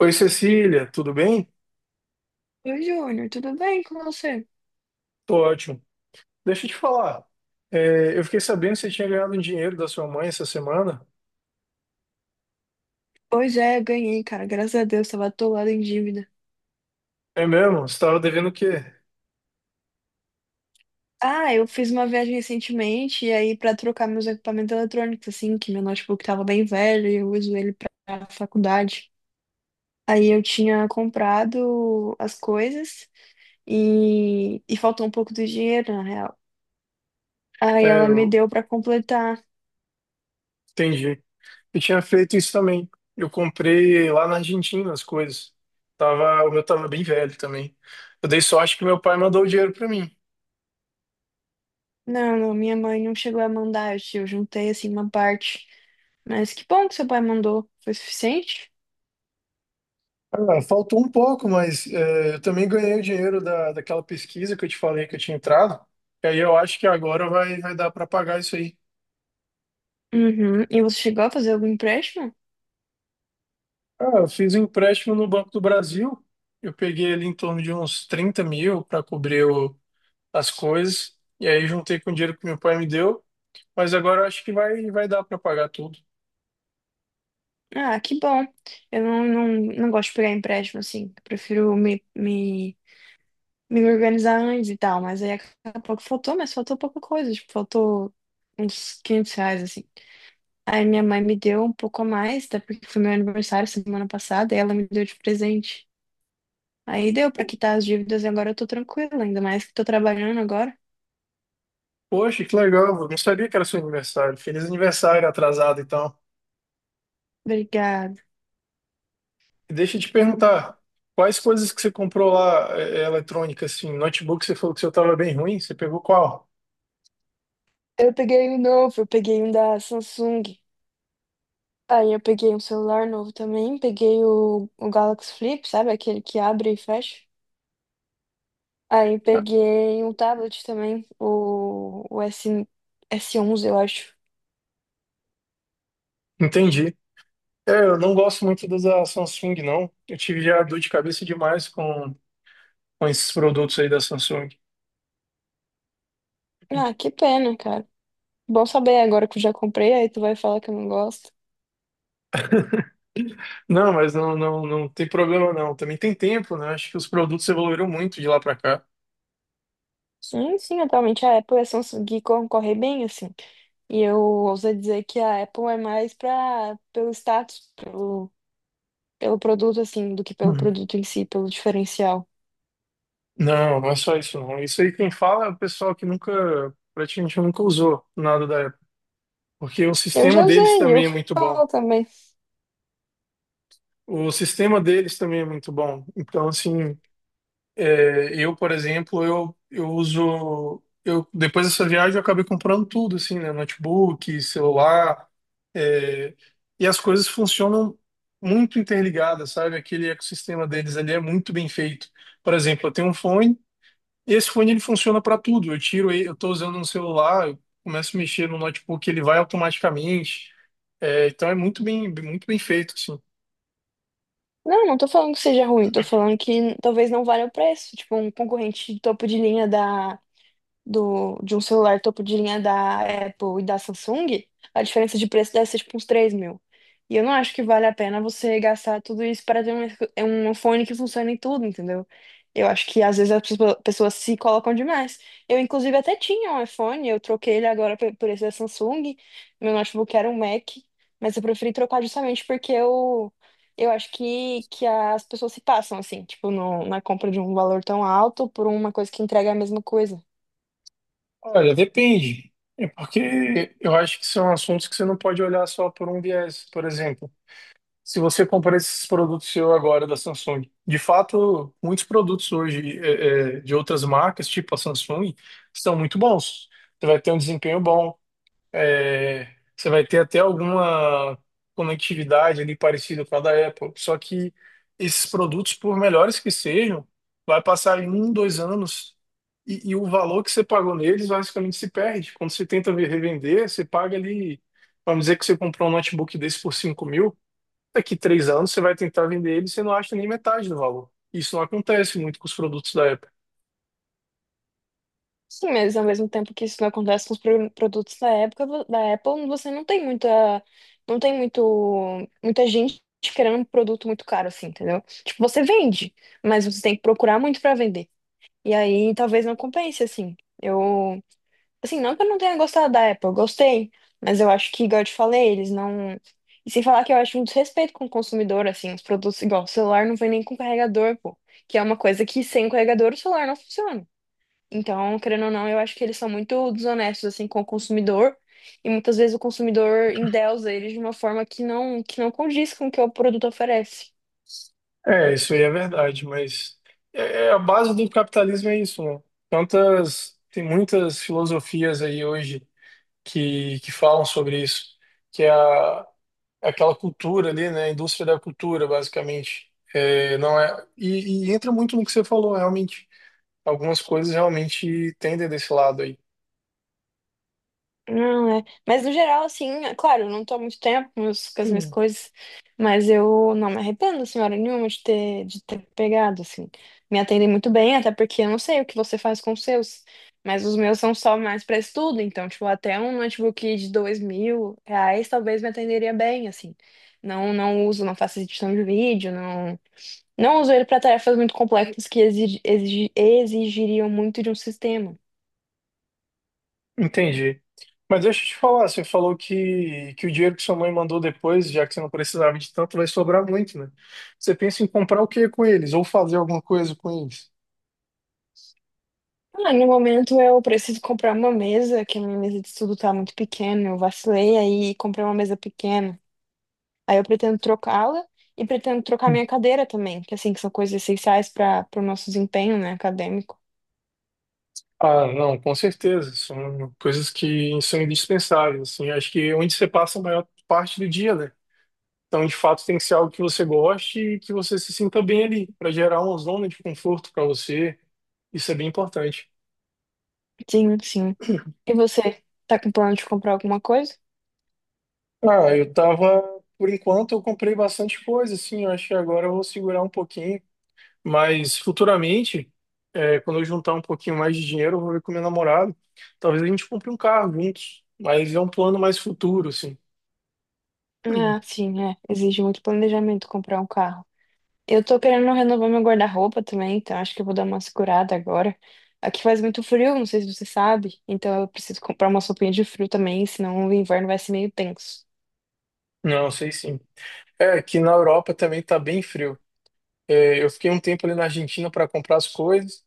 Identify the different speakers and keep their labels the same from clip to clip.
Speaker 1: Oi, Cecília, tudo bem?
Speaker 2: Oi, Júnior, tudo bem com você?
Speaker 1: Tô ótimo. Deixa eu te falar. Eu fiquei sabendo que você tinha ganhado um dinheiro da sua mãe essa semana.
Speaker 2: Pois é, ganhei, cara. Graças a Deus, tava atolado em dívida.
Speaker 1: É mesmo? Você estava devendo o quê?
Speaker 2: Ah, eu fiz uma viagem recentemente e aí pra trocar meus equipamentos eletrônicos, assim, que meu notebook tava bem velho e eu uso ele pra faculdade. Aí eu tinha comprado as coisas e, faltou um pouco do dinheiro, na real. Aí
Speaker 1: É,
Speaker 2: ela me
Speaker 1: eu
Speaker 2: deu pra completar.
Speaker 1: entendi. Eu tinha feito isso também. Eu comprei lá na Argentina as coisas. Tava, o meu tava bem velho também. Eu dei sorte que meu pai mandou o dinheiro para mim.
Speaker 2: Não, não, minha mãe não chegou a mandar, eu juntei assim uma parte. Mas que bom que seu pai mandou. Foi suficiente?
Speaker 1: Ah, faltou um pouco, mas é, eu também ganhei o dinheiro daquela pesquisa que eu te falei que eu tinha entrado. E aí eu acho que agora vai dar para pagar isso aí.
Speaker 2: Uhum. E você chegou a fazer algum empréstimo?
Speaker 1: Ah, eu fiz um empréstimo no Banco do Brasil. Eu peguei ali em torno de uns 30.000 para cobrir as coisas. E aí juntei com o dinheiro que meu pai me deu. Mas agora eu acho que vai dar para pagar tudo.
Speaker 2: Ah, que bom. Eu não, não gosto de pegar empréstimo assim. Eu prefiro me organizar antes e tal. Mas aí acabou pouco faltou, mas faltou pouca coisa. Tipo, faltou uns R$ 500 assim. Aí minha mãe me deu um pouco a mais, até porque foi meu aniversário semana passada e ela me deu de presente. Aí deu pra quitar as dívidas e agora eu tô tranquila, ainda mais que tô trabalhando agora.
Speaker 1: Poxa, que legal. Eu não sabia que era seu aniversário. Feliz aniversário atrasado, então.
Speaker 2: Obrigada.
Speaker 1: E deixa eu te perguntar, quais coisas que você comprou lá, eletrônica, assim, notebook, você falou que o seu estava bem ruim. Você pegou qual?
Speaker 2: Eu peguei um novo, eu peguei um da Samsung. Aí eu peguei um celular novo também, peguei o Galaxy Flip, sabe? Aquele que abre e fecha. Aí peguei um tablet também, o S, S11, eu acho.
Speaker 1: Entendi. É, eu não gosto muito das da Samsung, não. Eu tive já dor de cabeça demais com esses produtos aí da Samsung.
Speaker 2: Ah, que pena, cara. Bom saber agora que eu já comprei, aí tu vai falar que eu não gosto.
Speaker 1: Não, mas não tem problema não. Também tem tempo, né? Acho que os produtos evoluíram muito de lá pra cá.
Speaker 2: Sim, sim, atualmente a Apple e a Samsung concorrem bem, assim. E eu ouso dizer que a Apple é mais pra, pelo status, pelo, pelo produto, assim, do que pelo
Speaker 1: Hum.
Speaker 2: produto em si, pelo diferencial.
Speaker 1: Não, não é só isso não. Isso aí quem fala é o pessoal que nunca, praticamente nunca usou nada da Apple. Porque o
Speaker 2: Eu
Speaker 1: sistema
Speaker 2: já
Speaker 1: deles
Speaker 2: usei, e eu
Speaker 1: também é muito bom.
Speaker 2: falo também.
Speaker 1: O sistema deles também é muito bom. Então, assim, é, por exemplo, eu uso. Eu, depois dessa viagem, eu acabei comprando tudo, assim, né? Notebook, celular. é, e as coisas funcionam muito interligadas, sabe? Aquele ecossistema deles ali é muito bem feito. Por exemplo, eu tenho um fone, e esse fone ele funciona para tudo. Eu tiro, eu estou usando um celular, eu começo a mexer no notebook, ele vai automaticamente. É, então é muito bem feito, assim.
Speaker 2: Não, não tô falando que seja ruim, tô falando que talvez não valha o preço. Tipo, um concorrente de topo de linha de um celular topo de linha da Apple e da Samsung, a diferença de preço deve ser tipo uns 3 mil. E eu não acho que vale a pena você gastar tudo isso para ter um, é um fone que funcione em tudo, entendeu? Eu acho que às vezes as pessoas se colocam demais. Eu, inclusive, até tinha um iPhone, eu troquei ele agora por esse da Samsung. Meu notebook era um Mac, mas eu preferi trocar justamente porque eu acho que as pessoas se passam, assim, tipo, no, na compra de um valor tão alto por uma coisa que entrega a mesma coisa.
Speaker 1: Olha, depende. É porque eu acho que são assuntos que você não pode olhar só por um viés. Por exemplo, se você comprar esses produtos seu agora da Samsung, de fato, muitos produtos hoje de outras marcas, tipo a Samsung, são muito bons. Você vai ter um desempenho bom, é, você vai ter até alguma conectividade ali parecida com a da Apple. Só que esses produtos, por melhores que sejam, vai passar em um, 2 anos e o valor que você pagou neles basicamente se perde. Quando você tenta revender, você paga ali, vamos dizer que você comprou um notebook desse por 5.000, daqui 3 anos você vai tentar vender ele e você não acha nem metade do valor. Isso não acontece muito com os produtos da Apple.
Speaker 2: Sim, mas ao mesmo tempo que isso não acontece com os produtos da da Apple, você não tem muita, não tem muita gente querendo um produto muito caro, assim, entendeu? Tipo, você vende, mas você tem que procurar muito para vender. E aí talvez não compense, assim. Eu, assim, não que eu não tenha gostado da Apple, eu gostei, mas eu acho que, igual eu te falei, eles não. E sem falar que eu acho um desrespeito com o consumidor, assim, os produtos, igual, o celular não vem nem com carregador, pô. Que é uma coisa que sem carregador o celular não funciona. Então, querendo ou não, eu acho que eles são muito desonestos assim com o consumidor e muitas vezes o consumidor endeusa eles de uma forma que não condiz com o que o produto oferece.
Speaker 1: É, isso aí é verdade, mas é a base do capitalismo é isso, né? Tantas, tem muitas filosofias aí hoje que falam sobre isso, que é aquela cultura ali, né? A indústria da cultura, basicamente. É, não é, e entra muito no que você falou, realmente. Algumas coisas realmente tendem desse lado
Speaker 2: Não, é. Mas no geral, assim, é claro, eu não tô há muito tempo com com as minhas
Speaker 1: aí.
Speaker 2: coisas, mas eu não me arrependo, senhora nenhuma, de ter pegado, assim. Me atendem muito bem, até porque eu não sei o que você faz com os seus, mas os meus são só mais para estudo, então, tipo, até um notebook de R$ 2 mil talvez me atenderia bem, assim. Não, não uso, não faço edição de vídeo, não, não uso ele para tarefas muito complexas que exigiriam muito de um sistema.
Speaker 1: Entendi. Mas deixa eu te falar, você falou que o dinheiro que sua mãe mandou depois, já que você não precisava de tanto, vai sobrar muito, né? Você pensa em comprar o que com eles? Ou fazer alguma coisa com eles?
Speaker 2: Ah, no momento eu preciso comprar uma mesa, que a minha mesa de estudo tá muito pequena. Eu vacilei aí e comprei uma mesa pequena. Aí eu pretendo trocá-la e pretendo trocar
Speaker 1: Hum.
Speaker 2: minha cadeira também, que assim, que são coisas essenciais para o nosso desempenho, né, acadêmico.
Speaker 1: Ah, não, com certeza. São coisas que são indispensáveis, assim. Acho que é onde você passa a maior parte do dia, né? Então, de fato, tem que ser algo que você goste e que você se sinta bem ali, para gerar uma zona de conforto para você. Isso é bem importante.
Speaker 2: Sim, sim. E você, tá com plano de comprar alguma coisa?
Speaker 1: Ah, eu tava, por enquanto eu comprei bastante coisa, assim, eu acho que agora eu vou segurar um pouquinho, mas futuramente, é, quando eu juntar um pouquinho mais de dinheiro, eu vou ver com meu namorado, talvez a gente compre um carro juntos, mas é um plano mais futuro, assim. Uhum.
Speaker 2: Ah, sim, é. Exige muito planejamento comprar um carro. Eu tô querendo renovar meu guarda-roupa também, então acho que eu vou dar uma segurada agora. Aqui faz muito frio, não sei se você sabe, então eu preciso comprar uma roupinha de frio também, senão o inverno vai ser meio tenso.
Speaker 1: Não, sei sim. É, aqui na Europa também tá bem frio. É, eu fiquei um tempo ali na Argentina para comprar as coisas,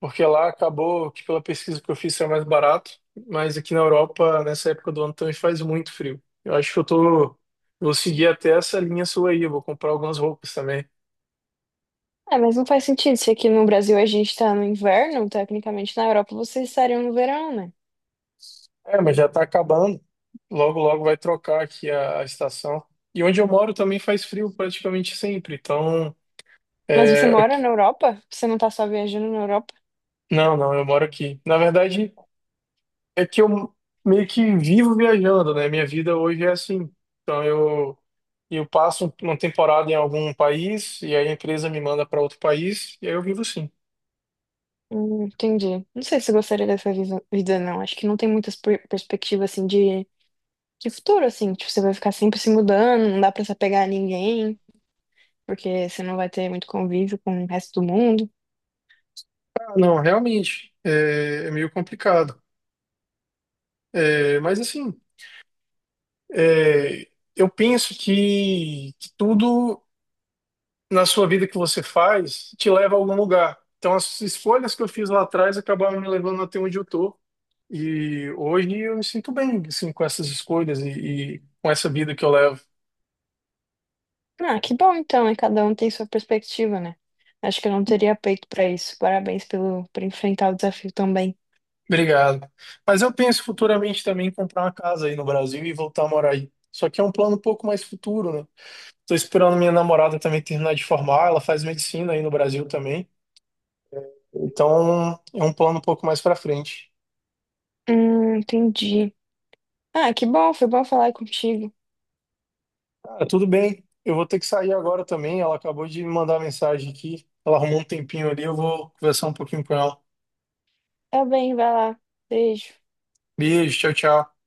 Speaker 1: porque lá acabou que pela pesquisa que eu fiz era mais barato, mas aqui na Europa, nessa época do ano, também faz muito frio. Eu acho que eu tô. Eu Vou seguir até essa linha sua aí, eu vou comprar algumas roupas também.
Speaker 2: É, mas não faz sentido, se aqui no Brasil a gente tá no inverno, tecnicamente na Europa vocês estariam no verão, né?
Speaker 1: É, mas já tá acabando. Logo, logo vai trocar aqui a estação. E onde eu moro também faz frio praticamente sempre. Então,
Speaker 2: Mas você
Speaker 1: é,
Speaker 2: mora na Europa? Você não tá só viajando na Europa?
Speaker 1: não, não, eu moro aqui. Na verdade, é que eu meio que vivo viajando, né? Minha vida hoje é assim. Então eu passo uma temporada em algum país e aí a empresa me manda para outro país e aí eu vivo assim.
Speaker 2: Entendi. Não sei se eu gostaria dessa vida, não. Acho que não tem muitas perspectivas, assim, de futuro, assim. Tipo, você vai ficar sempre se mudando, não dá pra se apegar a ninguém. Porque você não vai ter muito convívio com o resto do mundo.
Speaker 1: Ah, não, realmente é, é meio complicado. É, mas assim, é, eu penso que tudo na sua vida que você faz te leva a algum lugar. Então as escolhas que eu fiz lá atrás acabaram me levando até onde eu tô. E hoje eu me sinto bem assim com essas escolhas e com essa vida que eu levo.
Speaker 2: Ah, que bom então, e cada um tem sua perspectiva, né? Acho que eu não teria peito pra isso. Parabéns pelo por enfrentar o desafio também.
Speaker 1: Obrigado. Mas eu penso futuramente também em comprar uma casa aí no Brasil e voltar a morar aí. Só que é um plano um pouco mais futuro, né? Tô esperando minha namorada também terminar de formar, ela faz medicina aí no Brasil também. Então, é um plano um pouco mais pra frente.
Speaker 2: Entendi. Ah, que bom, foi bom falar contigo.
Speaker 1: Cara, tudo bem. Eu vou ter que sair agora também. Ela acabou de me mandar mensagem aqui. Ela arrumou um tempinho ali, eu vou conversar um pouquinho com ela.
Speaker 2: Tá bem, vai lá. Beijo.
Speaker 1: Beijo, tchau, tchau.